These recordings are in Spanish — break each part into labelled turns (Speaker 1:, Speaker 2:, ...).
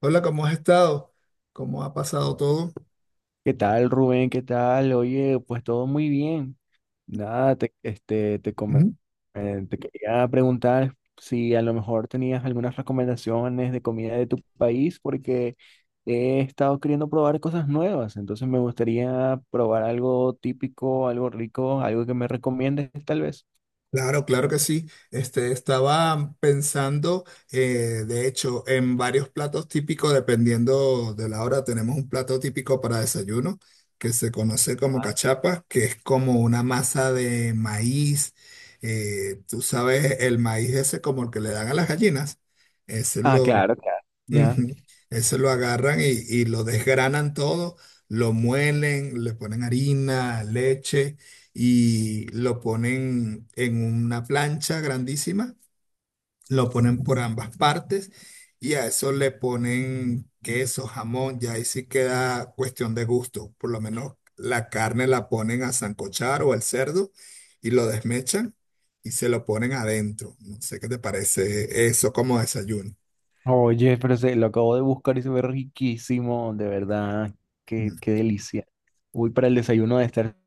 Speaker 1: Hola, ¿cómo has estado? ¿Cómo ha pasado todo?
Speaker 2: ¿Qué tal, Rubén? ¿Qué tal? Oye, pues todo muy bien. Nada, te, este, te, come-
Speaker 1: Ujú.
Speaker 2: te quería preguntar si a lo mejor tenías algunas recomendaciones de comida de tu país, porque he estado queriendo probar cosas nuevas. Entonces me gustaría probar algo típico, algo rico, algo que me recomiendes, tal vez.
Speaker 1: Claro, claro que sí. Estaba pensando, de hecho, en varios platos típicos, dependiendo de la hora. Tenemos un plato típico para desayuno que se conoce como cachapa, que es como una masa de maíz. Tú sabes, el maíz ese como el que le dan a las gallinas. Ese
Speaker 2: Ah, claro, claro. Ya.
Speaker 1: ujú. Ese lo agarran y lo desgranan todo, lo muelen, le ponen harina, leche y lo ponen en una plancha grandísima, lo ponen por ambas partes y a eso le ponen queso, jamón, ya ahí sí queda cuestión de gusto. Por lo menos la carne la ponen a sancochar o al cerdo y lo desmechan y se lo ponen adentro. No sé qué te parece eso como desayuno.
Speaker 2: Oye, pero lo acabo de buscar y se ve riquísimo, de verdad.
Speaker 1: Mm.
Speaker 2: Qué, qué delicia. Uy, para el desayuno de estar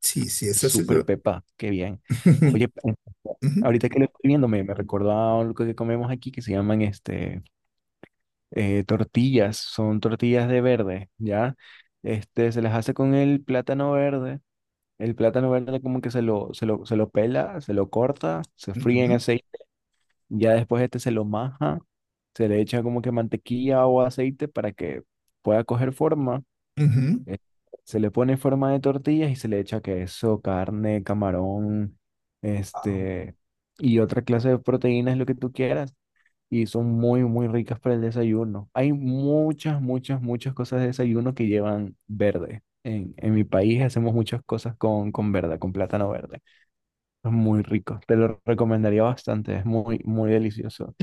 Speaker 1: Sí, sí, eso sí.
Speaker 2: súper Pepa, qué bien.
Speaker 1: Ujú,
Speaker 2: Oye,
Speaker 1: ujú,
Speaker 2: ahorita que lo estoy viendo, me recordó a algo que comemos aquí que se llaman tortillas, son tortillas de verde, ¿ya? Este, se las hace con el plátano verde. El plátano verde como que se lo pela, se lo corta, se fríe en
Speaker 1: ujú,
Speaker 2: aceite, ya después este se lo maja, se le echa como que mantequilla o aceite para que pueda coger forma.
Speaker 1: ujú.
Speaker 2: Eh, Se le pone en forma de tortillas y se le echa queso, carne, camarón,
Speaker 1: Ah,
Speaker 2: este, y otra clase de proteínas, lo que tú quieras. Y son muy, muy ricas para el desayuno. Hay muchas, muchas, muchas cosas de desayuno que llevan verde. En mi país hacemos muchas cosas con verde, con plátano verde. Es muy rico. Te lo recomendaría bastante. Es muy, muy delicioso.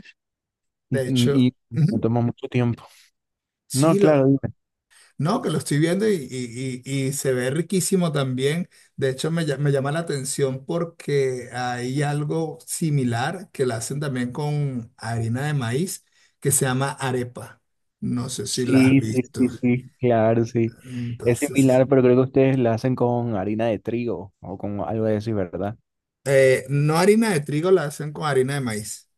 Speaker 1: de
Speaker 2: Y,
Speaker 1: hecho,
Speaker 2: y no
Speaker 1: ujú.
Speaker 2: toma mucho tiempo. No,
Speaker 1: Sí, lo,
Speaker 2: claro.
Speaker 1: no, que lo estoy viendo y y se ve riquísimo también. De hecho, me llama la atención porque hay algo similar que la hacen también con harina de maíz que se llama arepa. No sé si la has
Speaker 2: Sí, sí, sí,
Speaker 1: visto.
Speaker 2: sí, claro, sí. Es
Speaker 1: Entonces,
Speaker 2: similar, pero creo que ustedes la hacen con harina de trigo o con algo de eso, ¿verdad?
Speaker 1: no harina de trigo, la hacen con harina de maíz.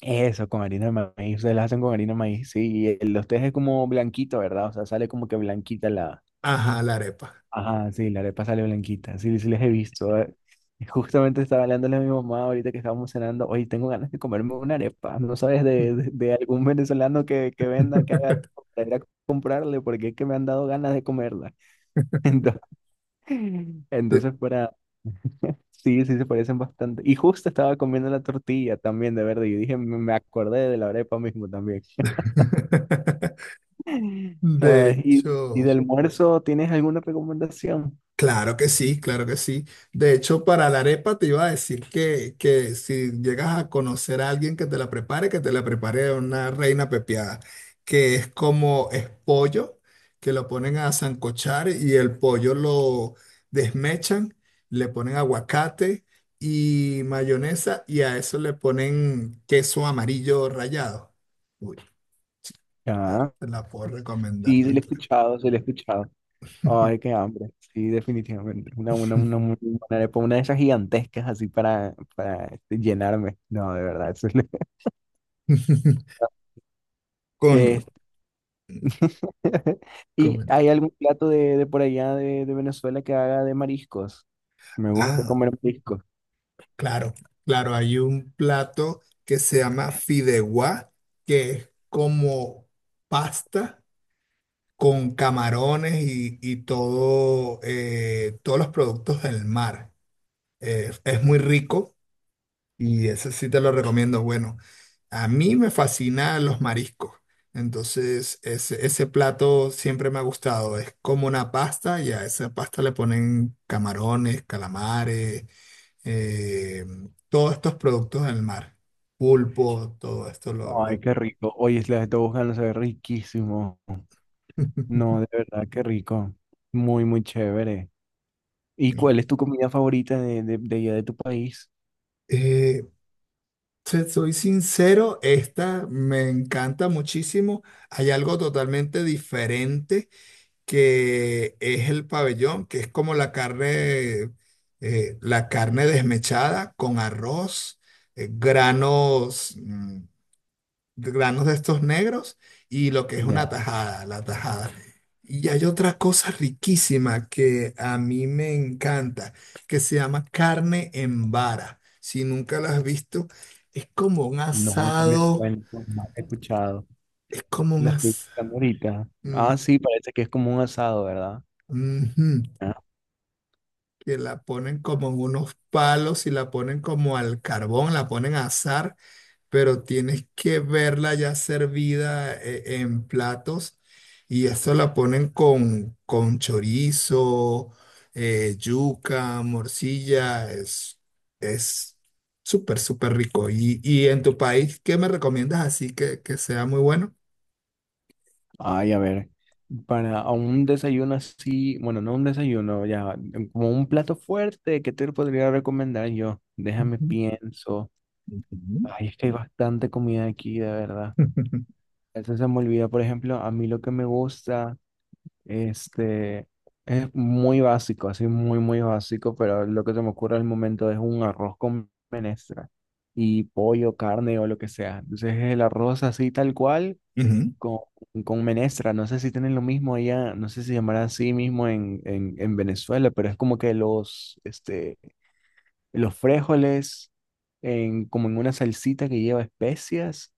Speaker 2: Eso, con harina de maíz. Ustedes la hacen con harina de maíz, sí. Y el de ustedes es como blanquito, ¿verdad? O sea, sale como que blanquita la...
Speaker 1: Ajá, la arepa.
Speaker 2: Ajá, sí, la arepa sale blanquita. Sí, sí, les he visto. Justamente estaba hablando a mi mamá ahorita que estábamos cenando. Oye, tengo ganas de comerme una arepa. ¿No sabes de, de- de algún venezolano que venda, que haga arepa para ir a comprarle? Porque es que me han dado ganas de comerla.
Speaker 1: De
Speaker 2: Entonces fuera, sí, sí se parecen bastante. Y justo estaba comiendo la tortilla también de verde y dije, me acordé de la arepa mismo también.
Speaker 1: de
Speaker 2: Ah, y de
Speaker 1: hecho.
Speaker 2: almuerzo, ¿tienes alguna recomendación?
Speaker 1: Claro que sí, claro que sí. De hecho, para la arepa te iba a decir que si llegas a conocer a alguien que te la prepare, que te la prepare una reina pepiada, que es como es pollo, que lo ponen a sancochar y el pollo lo desmechan, le ponen aguacate y mayonesa y a eso le ponen queso amarillo rallado. Uy,
Speaker 2: Ah,
Speaker 1: te la puedo recomendar,
Speaker 2: sí, sí, le he
Speaker 1: tranquila.
Speaker 2: escuchado, sí, le he escuchado. Ay, qué hambre. Sí, definitivamente. Una muy buena arepa, una de esas gigantescas así para este, llenarme. No, de verdad. Eso es lo-
Speaker 1: Con,
Speaker 2: Este, ¿y
Speaker 1: con
Speaker 2: hay algún plato de por allá de Venezuela que haga de mariscos? Me gusta
Speaker 1: ah,
Speaker 2: comer mariscos.
Speaker 1: claro, claro, hay un plato que se llama fideuá, que es como pasta con camarones y todo, todos los productos del mar. Es muy rico y ese sí te lo recomiendo. Bueno, a mí me fascinan los mariscos, entonces ese plato siempre me ha gustado. Es como una pasta y a esa pasta le ponen camarones, calamares, eh, todos estos productos del mar, pulpo, todo esto
Speaker 2: Ay, qué rico. Oye, es la de Tobogán se ve riquísimo. No, de verdad, qué rico. Muy, muy chévere. ¿Y cuál es tu comida favorita de allá de tu país?
Speaker 1: Eh, te soy sincero, esta me encanta muchísimo. Hay algo totalmente diferente que es el pabellón, que es como la carne desmechada con arroz, granos. Granos de estos negros y lo que es una
Speaker 2: Ya,
Speaker 1: tajada, la tajada. Y hay otra cosa riquísima que a mí me encanta, que se llama carne en vara. Si nunca la has visto, es como un
Speaker 2: no, no me
Speaker 1: asado,
Speaker 2: suena, no he escuchado.
Speaker 1: es como un
Speaker 2: La estoy
Speaker 1: asado,
Speaker 2: buscando ahorita.
Speaker 1: que
Speaker 2: Ah, sí, parece que es como un asado, ¿verdad? Ah,
Speaker 1: la ponen como en unos palos y la ponen como al carbón, la ponen a asar, pero tienes que verla ya servida, en platos, y eso la ponen con chorizo, yuca, morcilla, es súper, súper rico. Y en tu país, ¿qué me recomiendas así que sea muy bueno?
Speaker 2: ay, a ver, para un desayuno así, bueno, no un desayuno, ya, como un plato fuerte, ¿qué te podría recomendar yo? Déjame pienso.
Speaker 1: Ujú,
Speaker 2: Ay, es que hay bastante comida aquí, de verdad.
Speaker 1: ujú.
Speaker 2: Eso se me olvida, por ejemplo, a mí lo que me gusta, este, es muy básico, así muy, muy básico, pero lo que se me ocurre al momento es un arroz con menestra y pollo, carne o lo que sea. Entonces es el arroz así tal cual
Speaker 1: Ujú,
Speaker 2: con, con menestra. No sé si tienen lo mismo allá, no sé si llamará así mismo en Venezuela, pero es como que los, este, los frijoles en, como en una salsita que lleva especias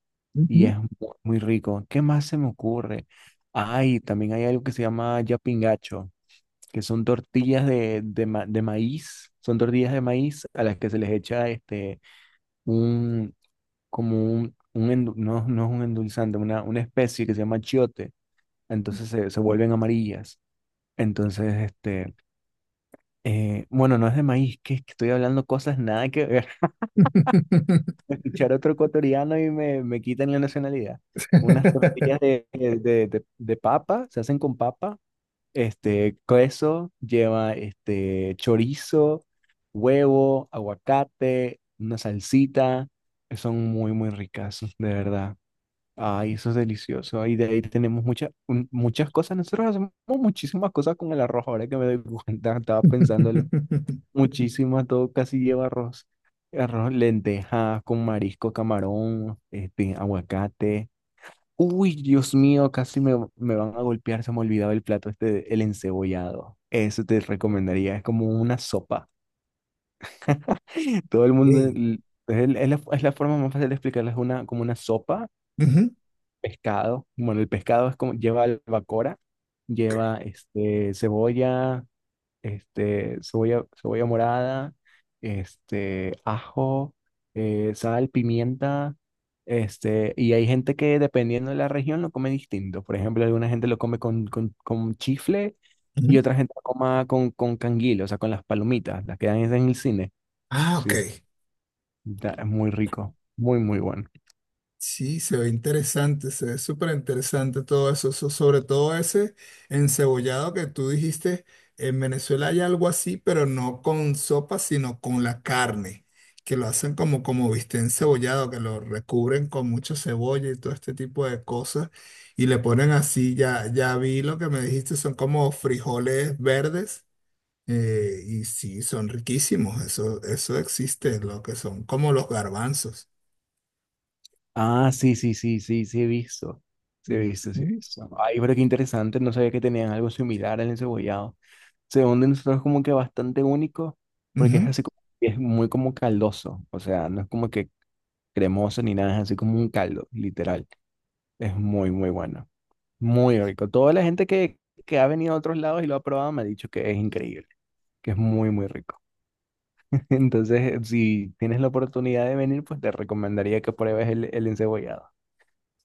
Speaker 2: y
Speaker 1: ujú.
Speaker 2: es mu- muy rico. ¿Qué más se me ocurre? Ay, también hay algo que se llama yapingacho, que son tortillas de maíz, son tortillas de maíz a las que se les echa este, un, como un endu- no, no es un endulzante, una especie que se llama chiote, entonces se vuelven amarillas. Entonces, este, bueno, no es de maíz, que estoy hablando cosas nada que ver. Escuchar otro ecuatoriano y me quitan la nacionalidad. Unas tortillas de papa, se hacen con papa, este, queso, lleva este, chorizo, huevo, aguacate, una salsita, son muy, muy ricas, de verdad. Ay, eso es delicioso. Y de ahí tenemos muchas muchas cosas. Nosotros hacemos muchísimas cosas con el arroz, ahora que me doy cuenta, estaba pensándolo. Muchísimas, todo casi lleva arroz. Arroz, lentejas con marisco, camarón, este, aguacate. Uy, Dios mío, me van a golpear, se me olvidaba el plato este, de- el encebollado. Eso te recomendaría, es como una sopa. Todo el mundo,
Speaker 1: Sí.
Speaker 2: l- es, el- es la forma más fácil de explicarlo, es una, como una sopa,
Speaker 1: Ujú,
Speaker 2: pescado. Bueno, el pescado es como, lleva albacora,
Speaker 1: ok,
Speaker 2: lleva este, cebolla, cebolla morada, este, ajo, sal, pimienta, este, y hay gente que dependiendo de la región lo come distinto. Por ejemplo, alguna gente lo come con chifle y
Speaker 1: ujú.
Speaker 2: otra gente lo coma con canguil, o sea, con las palomitas, las que dan en el cine.
Speaker 1: Ah, ok.
Speaker 2: Sí, da- es muy rico, muy, muy bueno.
Speaker 1: Sí, se ve interesante, se ve súper interesante todo eso, sobre todo ese encebollado que tú dijiste. En Venezuela hay algo así, pero no con sopa, sino con la carne, que lo hacen como, como viste encebollado, que lo recubren con mucho cebolla y todo este tipo de cosas, y le ponen así, ya, ya vi lo que me dijiste, son como frijoles verdes. Y sí, son riquísimos, eso existe, lo que son como los garbanzos.
Speaker 2: Ah, sí, sí, sí, sí, sí he visto. Sí he visto, sí he
Speaker 1: Ujú.
Speaker 2: visto. Ay, pero qué interesante, no sabía que tenían algo similar al encebollado. Según de nosotros como que bastante único, porque es
Speaker 1: Ujú.
Speaker 2: así como, es muy como caldoso, o sea, no es como que cremoso ni nada, es así como un caldo, literal. Es muy, muy bueno, muy rico. Toda la gente que ha venido a otros lados y lo ha probado me ha dicho que es increíble, que es muy, muy rico. Entonces, si tienes la oportunidad de venir, pues te recomendaría que pruebes el encebollado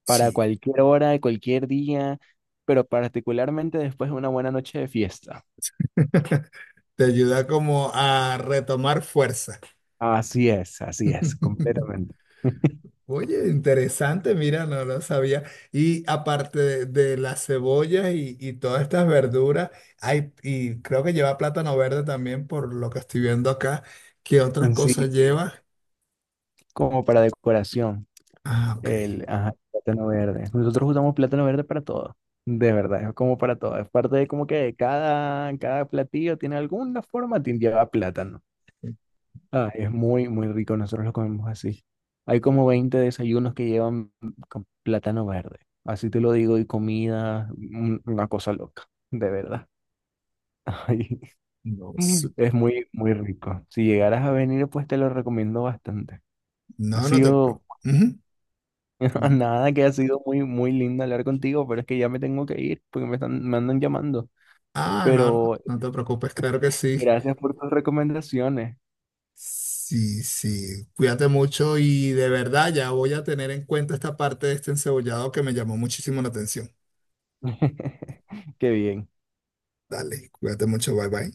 Speaker 2: para
Speaker 1: Sí,
Speaker 2: cualquier hora, cualquier día, pero particularmente después de una buena noche de fiesta.
Speaker 1: te ayuda como a retomar fuerza.
Speaker 2: Así es, completamente.
Speaker 1: Oye, interesante, mira, no lo sabía. Y aparte de las cebollas y todas estas verduras, hay, y creo que lleva plátano verde también, por lo que estoy viendo acá. ¿Qué otras
Speaker 2: Sí,
Speaker 1: cosas
Speaker 2: sí.
Speaker 1: lleva?
Speaker 2: Como para decoración,
Speaker 1: Ah, ok.
Speaker 2: el ajá, plátano verde. Nosotros usamos plátano verde para todo, de verdad, es como para todo. Es parte de como que cada platillo tiene alguna forma, tiene- lleva plátano. Ah, es muy, muy rico. Nosotros lo comemos así. Hay como 20 desayunos que llevan con plátano verde. Así te lo digo, y comida, un- una cosa loca, de verdad. Ay,
Speaker 1: No, sé.
Speaker 2: es muy, muy rico. Si llegaras a venir, pues te lo recomiendo bastante. Ha
Speaker 1: No, no te
Speaker 2: sido,
Speaker 1: preocupes. Comenta.
Speaker 2: nada que ha sido muy, muy lindo hablar contigo, pero es que ya me tengo que ir porque me están, me andan llamando.
Speaker 1: Ah, no, no,
Speaker 2: Pero
Speaker 1: no te preocupes, claro que sí.
Speaker 2: gracias por tus recomendaciones.
Speaker 1: Sí, sí, cuídate mucho y de verdad ya voy a tener en cuenta esta parte de este encebollado que me llamó muchísimo la atención.
Speaker 2: Qué bien.
Speaker 1: Dale, cuídate mucho, bye bye.